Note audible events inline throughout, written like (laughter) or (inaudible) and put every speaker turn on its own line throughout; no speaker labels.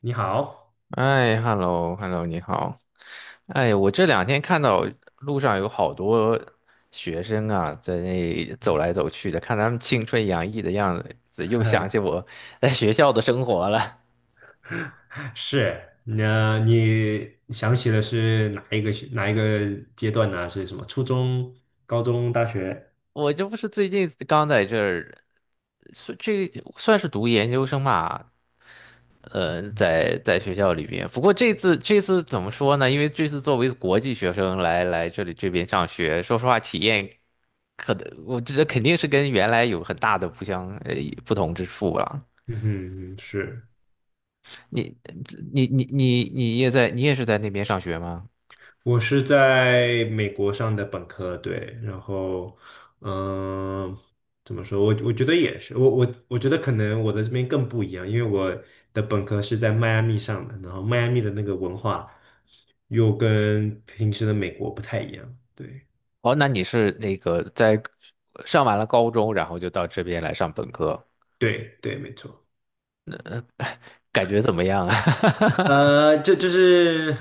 你好，
哎，hello，hello，你好。哎，我这两天看到路上有好多学生啊，在那走来走去的，看他们青春洋溢的样子，又
(laughs)
想起我在学校的生活了。
是，那你想起的是哪一个阶段呢？是什么？初中、高中、大学？
我这不是最近刚在这儿，算这算是读研究生吧？在学校里边。不过这次怎么说呢？因为这次作为国际学生来这边上学，说实话体验。可能我觉得肯定是跟原来有很大的不同之处了。
嗯哼，是，
你你也是在那边上学吗？
我是在美国上的本科，对，然后，嗯、怎么说？我觉得也是，我觉得可能我的这边更不一样，因为我的本科是在迈阿密上的，然后迈阿密的那个文化又跟平时的美国不太一样，对
哦，那你是在上完了高中，然后就到这边来上本科，
对对，没错。
感觉怎么样啊？(laughs)
呃，就就是，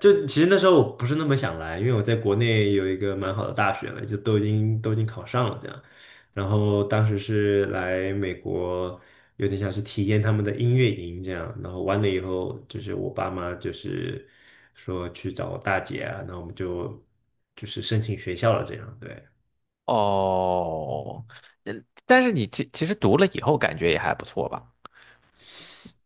就其实那时候我不是那么想来，因为我在国内有一个蛮好的大学了，就都已经考上了这样。然后当时是来美国，有点像是体验他们的音乐营这样。然后完了以后，就是我爸妈就是说去找我大姐啊，那我们就是申请学校了这样。对，
哦，呃但是你其实读了以后感觉也还不错吧？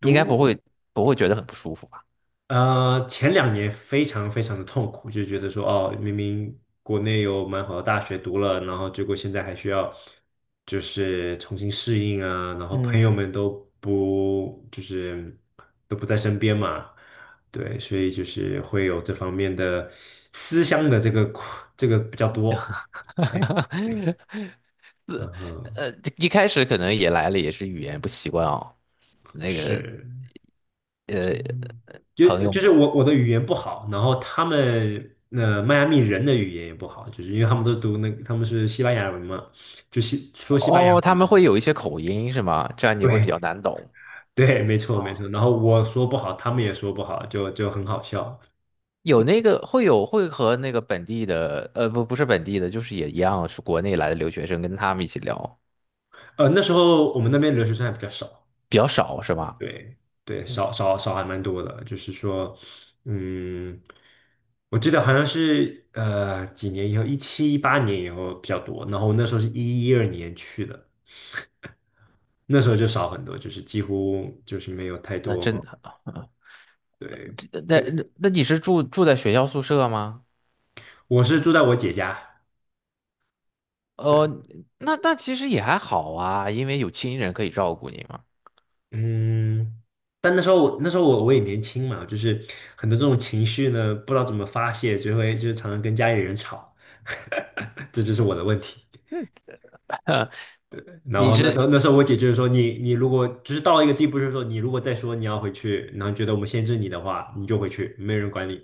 应该不
读
会不会觉得很不舒服吧？
前两年非常非常的痛苦，就觉得说，哦，明明国内有蛮好的大学读了，然后结果现在还需要就是重新适应啊，然后朋友
嗯。
们不就是都不在身边嘛，对，所以就是会有这方面的思乡的这个苦这个比较多。对，
(laughs)
嗯哼，
呃，一开始可能也来了，也是语言不习惯哦。那个
是。
朋
就
友，
就是我的语言不好，然后他们迈阿密人的语言也不好，就是因为他们都读那他们是西班牙文嘛，就说西班牙
哦，他
文，
们会有一些口音是吗？这样你会比较
对
难懂。
对，没错没错。
哦，
然后我说不好，他们也说不好，就很好笑。
有那个会有会和那个本地的，不是本地的，就是也一样是国内来的留学生，跟他们一起聊
那时候我们那边留学生还比较少，
比较少是吗？
对对，
嗯，
少还蛮多的，就是说，嗯，我记得好像是几年以后，17、18年以后比较多，然后我那时候是一二年去的。那时候就少很多，就是几乎就是没有太
那真
多。
的，
对，
那
有
那那你是住在学校宿舍吗？
我是住在我姐家，
哦，
对，
那其实也还好啊，因为有亲人可以照顾你嘛。
嗯，但那时候我也年轻嘛，就是很多这种情绪呢，不知道怎么发泄，就常常跟家里人吵，(laughs) 这就是我的问题。
(laughs)
然
你
后那时
是
候那时候我姐就是说你如果就是到了一个地步，就是说你如果再说你要回去，然后觉得我们限制你的话，你就回去，没人管你。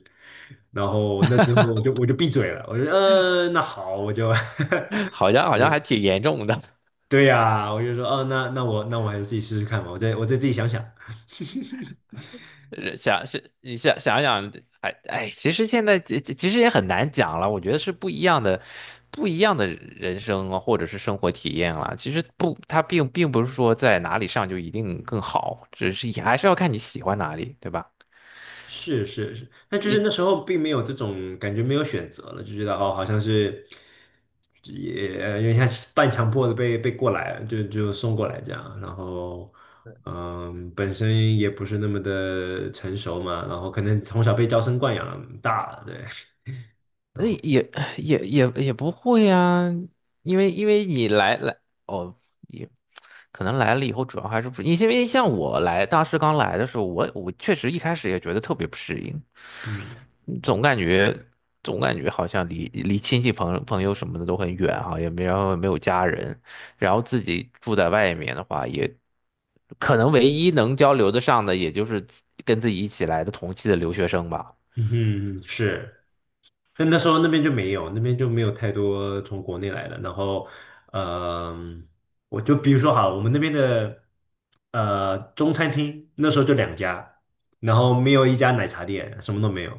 然后那之后我就闭嘴了，我就那好，我就
好像还
(laughs)。
挺严重的。
对呀，我就说，哦，那我还是自己试试看吧，我再自己想想。
想是你想想，哎哎，其实现在其实也很难讲了。我觉得是不一样的，不一样的人生啊，或者是生活体验了。其实不，它并不是说在哪里上就一定更好，只是也还是要看你喜欢哪里，对吧？
是是是，那就是
你
那时候并没有这种感觉，没有选择了，就觉得哦，好像是也有点像是半强迫的被过来了，就送过来这样。然后，本身也不是那么的成熟嘛，然后可能从小被娇生惯养大了，对，
那也不会啊，因为你来哦，也可能来了以后，主要还是不，因为像我来当时刚来的时候，我确实一开始也觉得特别不适应。
嗯
总感觉总感觉好像离亲戚朋友什么的都很远哈，也没然后也没有家人，然后自己住在外面的话，也可能唯一能交流的上的，也就是自跟自己一起来的同期的留学生吧。
嗯哼，是。但那时候那边就没有，那边就没有太多从国内来的。然后，嗯、我就比如说好了我们那边的中餐厅那时候就2家，然后没有一家奶茶店，什么都没有。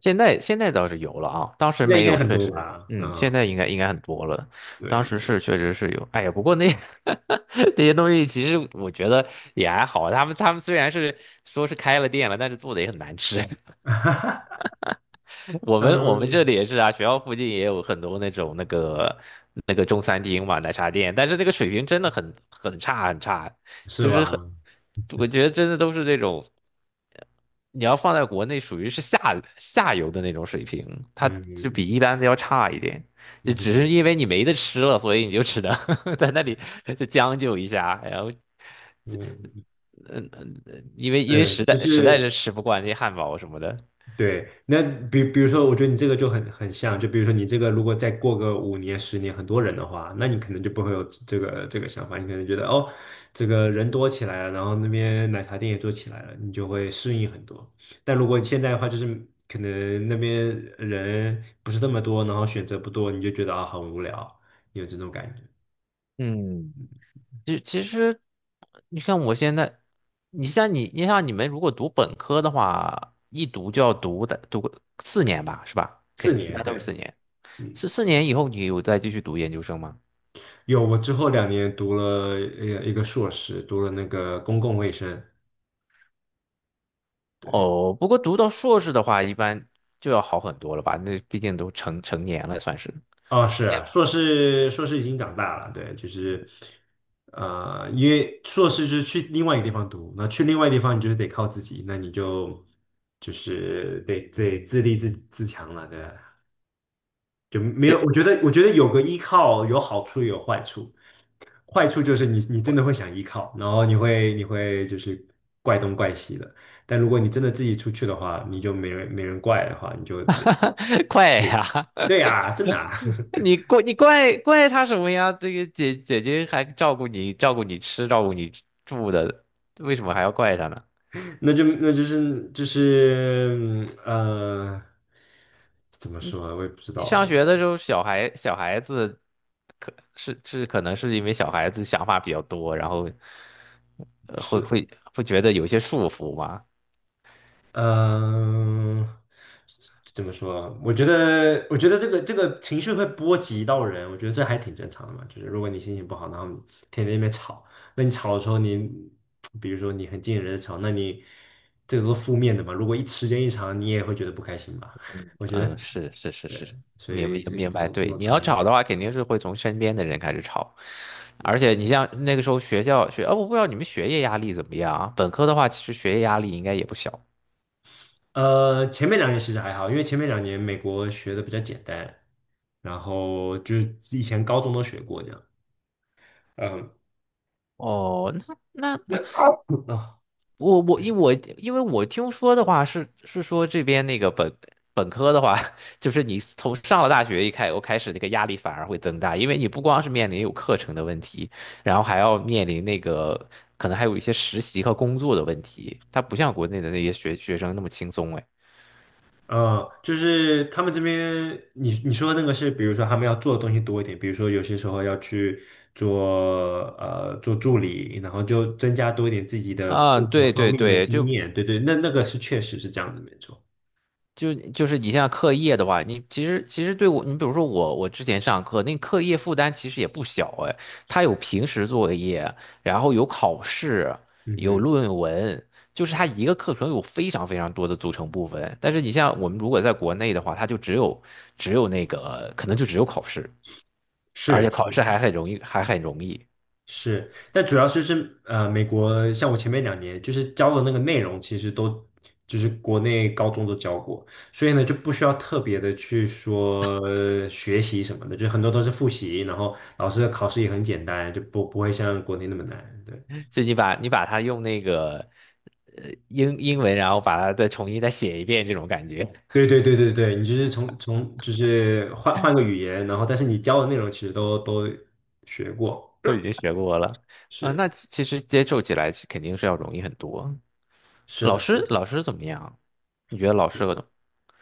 现在倒是有了啊，当时
现在应
没
该
有，
很
确
多
实，
吧？
嗯，
嗯，
现在应该很多了。当时
对，
是确实是有，哎呀，不过那 (laughs) 那些东西其实我觉得也还好，他们虽然是说是开了店了，但是做的也很难吃。(laughs) 我们这
嗯，
里也是啊，学校附近也有很多那种那个中餐厅嘛，奶茶店，但是那个水平真的很差很差，
是
就是很，
吧？
我觉得真的都是那种你要放在国内属于是下游的那种水平，它就比
嗯
一般的要差一点，就只是
嗯
因为你没得吃了，所以你就只能 (laughs) 在那里就将就一下，然后
嗯，
嗯嗯，因为因为
对，
实
就
在实在是
是。
吃不惯那些汉堡什么的。
对，那比如说，我觉得你这个就很像，就比如说你这个如果再过个5年、10年，很多人的话，那你可能就不会有这个想法，你可能觉得哦，这个人多起来了，然后那边奶茶店也做起来了，你就会适应很多。但如果现在的话，就是可能那边人不是那么多，然后选择不多，你就觉得啊很无聊，有这种感觉。
嗯，就其实，你看我现在，你像你们如果读本科的话，一读就要读个四年吧，是吧？
四
一
年，
般都是四
对。
年。
嗯，
四年以后，你有再继续读研究生吗？
有，我之后两年读了一个硕士，读了那个公共卫生，对，
哦，不过读到硕士的话，一般就要好很多了吧？那毕竟都成年了，算是。
哦，是啊硕士，硕士已经长大了，对，就是，因为硕士就是去另外一个地方读，那去另外一个地方，你就是得靠自己，那你就是得自立自强了，对啊，就没有，
也
我觉得有个依靠有好处也有坏处，坏处就是你真的会想依靠，然后你会就是怪东怪西的，但如果你真的自己出去的话，你就没人怪的话，你就得，
怪 (laughs) 呀！
对呀，真的啊 (laughs)
你怪他什么呀？这个姐姐还照顾你，照顾你吃，照顾你住的，为什么还要怪他呢？
那就那就是就是嗯呃，怎么说啊？我也不知道
你
啊，
上学的时候，小孩子可能是因为小孩子想法比较多，然后呃会
是
会会觉得有些束缚吗？
嗯、呃怎么说啊？我觉得这个情绪会波及到人，我觉得这还挺正常的嘛。就是如果你心情不好，然后你天天在那边吵，那你吵的时候你，比如说你很近人的吵，那你这个都是负面的嘛。如果一时间一长，你也会觉得不开心吧？(laughs) 我觉
嗯，
得
是是是
对，
是，
所
明
以
白
所以
明
这
白。
种这
对，
种
你要
传。
吵的话，肯定是会从身边的人开始吵，而且你像那个时候学校，哦，我不知道你们学业压力怎么样啊？本科的话，其实学业压力应该也不小。
前面两年其实还好，因为前面两年美国学的比较简单，然后就是以前高中都学过这样。嗯，
哦，那
那
那
啊，
我因为我听说的话是说这边那个本科的话，(laughs) 就是你从上了大学一开我开始那个压力反而会增大，因为你不光是面临有课程的问题，然后还要面临那个可能还有一些实习和工作的问题，它不像国内的那些学生那么轻松哎。
就是他们这边，你说的那个是，比如说他们要做的东西多一点，比如说有些时候要去做做助理，然后就增加多一点自己的
啊，
各个
对
方
对
面的
对，
经
就
验。对对，那那个是确实是这样的，没错。
就就是你像课业的话，你其实对我，你比如说我，我之前上课那课业负担其实也不小哎，它有平时作业，然后有考试，
嗯
有
哼，
论文，就是它一个课程有非常非常多的组成部分。但是你像我们如果在国内的话，它就只有那个可能就只有考试，而
是。
且考试还很容易，还很容易，
是，但主要就是美国像我前面两年就是教的那个内容，其实都就是国内高中都教过，所以呢就不需要特别的去学习什么的，就很多都是复习，然后老师的考试也很简单，就不会像国内那么难。
就你把你把它用那个英文，然后把它再重新再写一遍这种感觉。
对，对对对对对，你就是换个语言，然后但是你教的内容其实都学过。
呃，
是
那其实接受起来肯定是要容易很多。
是
老
的，是
师，
的。
老师怎么样？你觉得老师和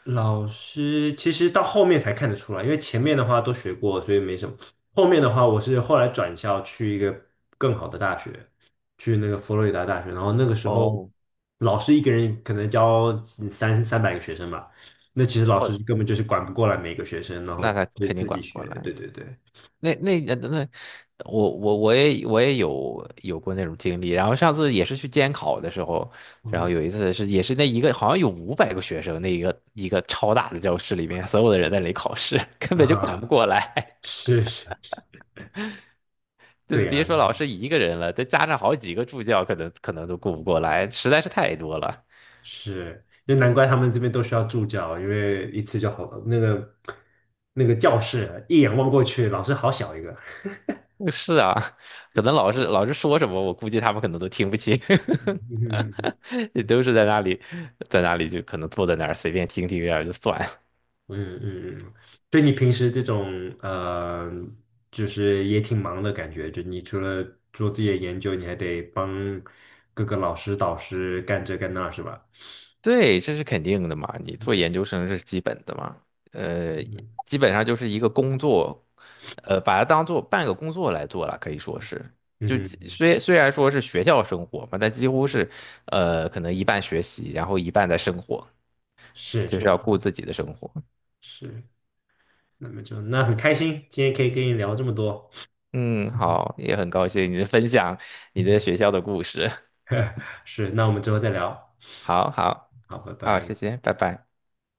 老师其实到后面才看得出来，因为前面的话都学过，所以没什么。后面的话，我是后来转校去一个更好的大学，去那个佛罗里达大学。然后那个时候，
哦，
老师一个人可能教三百个学生吧，那其实老
哦，
师根本就是管不过来每个学生，然后
那他
就
肯定
自
管
己
不
学。
过来。
对对对，
那我也有过那种经历。然后上次也是去监考的时候，然后
嗯
有一次是也是那一个好像有500个学生，那一个超大的教室里面，所有的人在那里考试，(laughs) 根
啊
本就管不
哈，
过来。(laughs)
是是，
就
对
是别
呀，
说老师一个人了，再加上好几个助教，可能都顾不过来，实在是太多了。
是，就难怪他们这边都需要助教，因为一次就好，那个教室一眼望过去，老师好小一个。(laughs)
是啊，可能老师说什么，我估计他们可能都听不清，
嗯
(laughs) 也都是在那里，在那里就可能坐在那儿随便听听然后就算。
嗯嗯，所以你平时这种就是也挺忙的感觉，就你除了做自己的研究，你还得帮各个老师导师干这干那，是吧？
对，这是肯定的嘛，你做研
嗯
究生是基本的嘛，呃，基本上就是一个工作，把它当做半个工作来做了，可以说是，
嗯
就
哼，
虽然说是学校生活嘛，但几乎是，可能一半学习，然后一半在生活，
是
就是
是
要顾自己的生活。
是，那么很开心，今天可以跟你聊这么多。
嗯，好，也很高兴你的分享，你的学校
(laughs)
的故事。(laughs)
是，那我们之后再聊。
好好
好，拜
好，
拜。
谢谢，拜拜。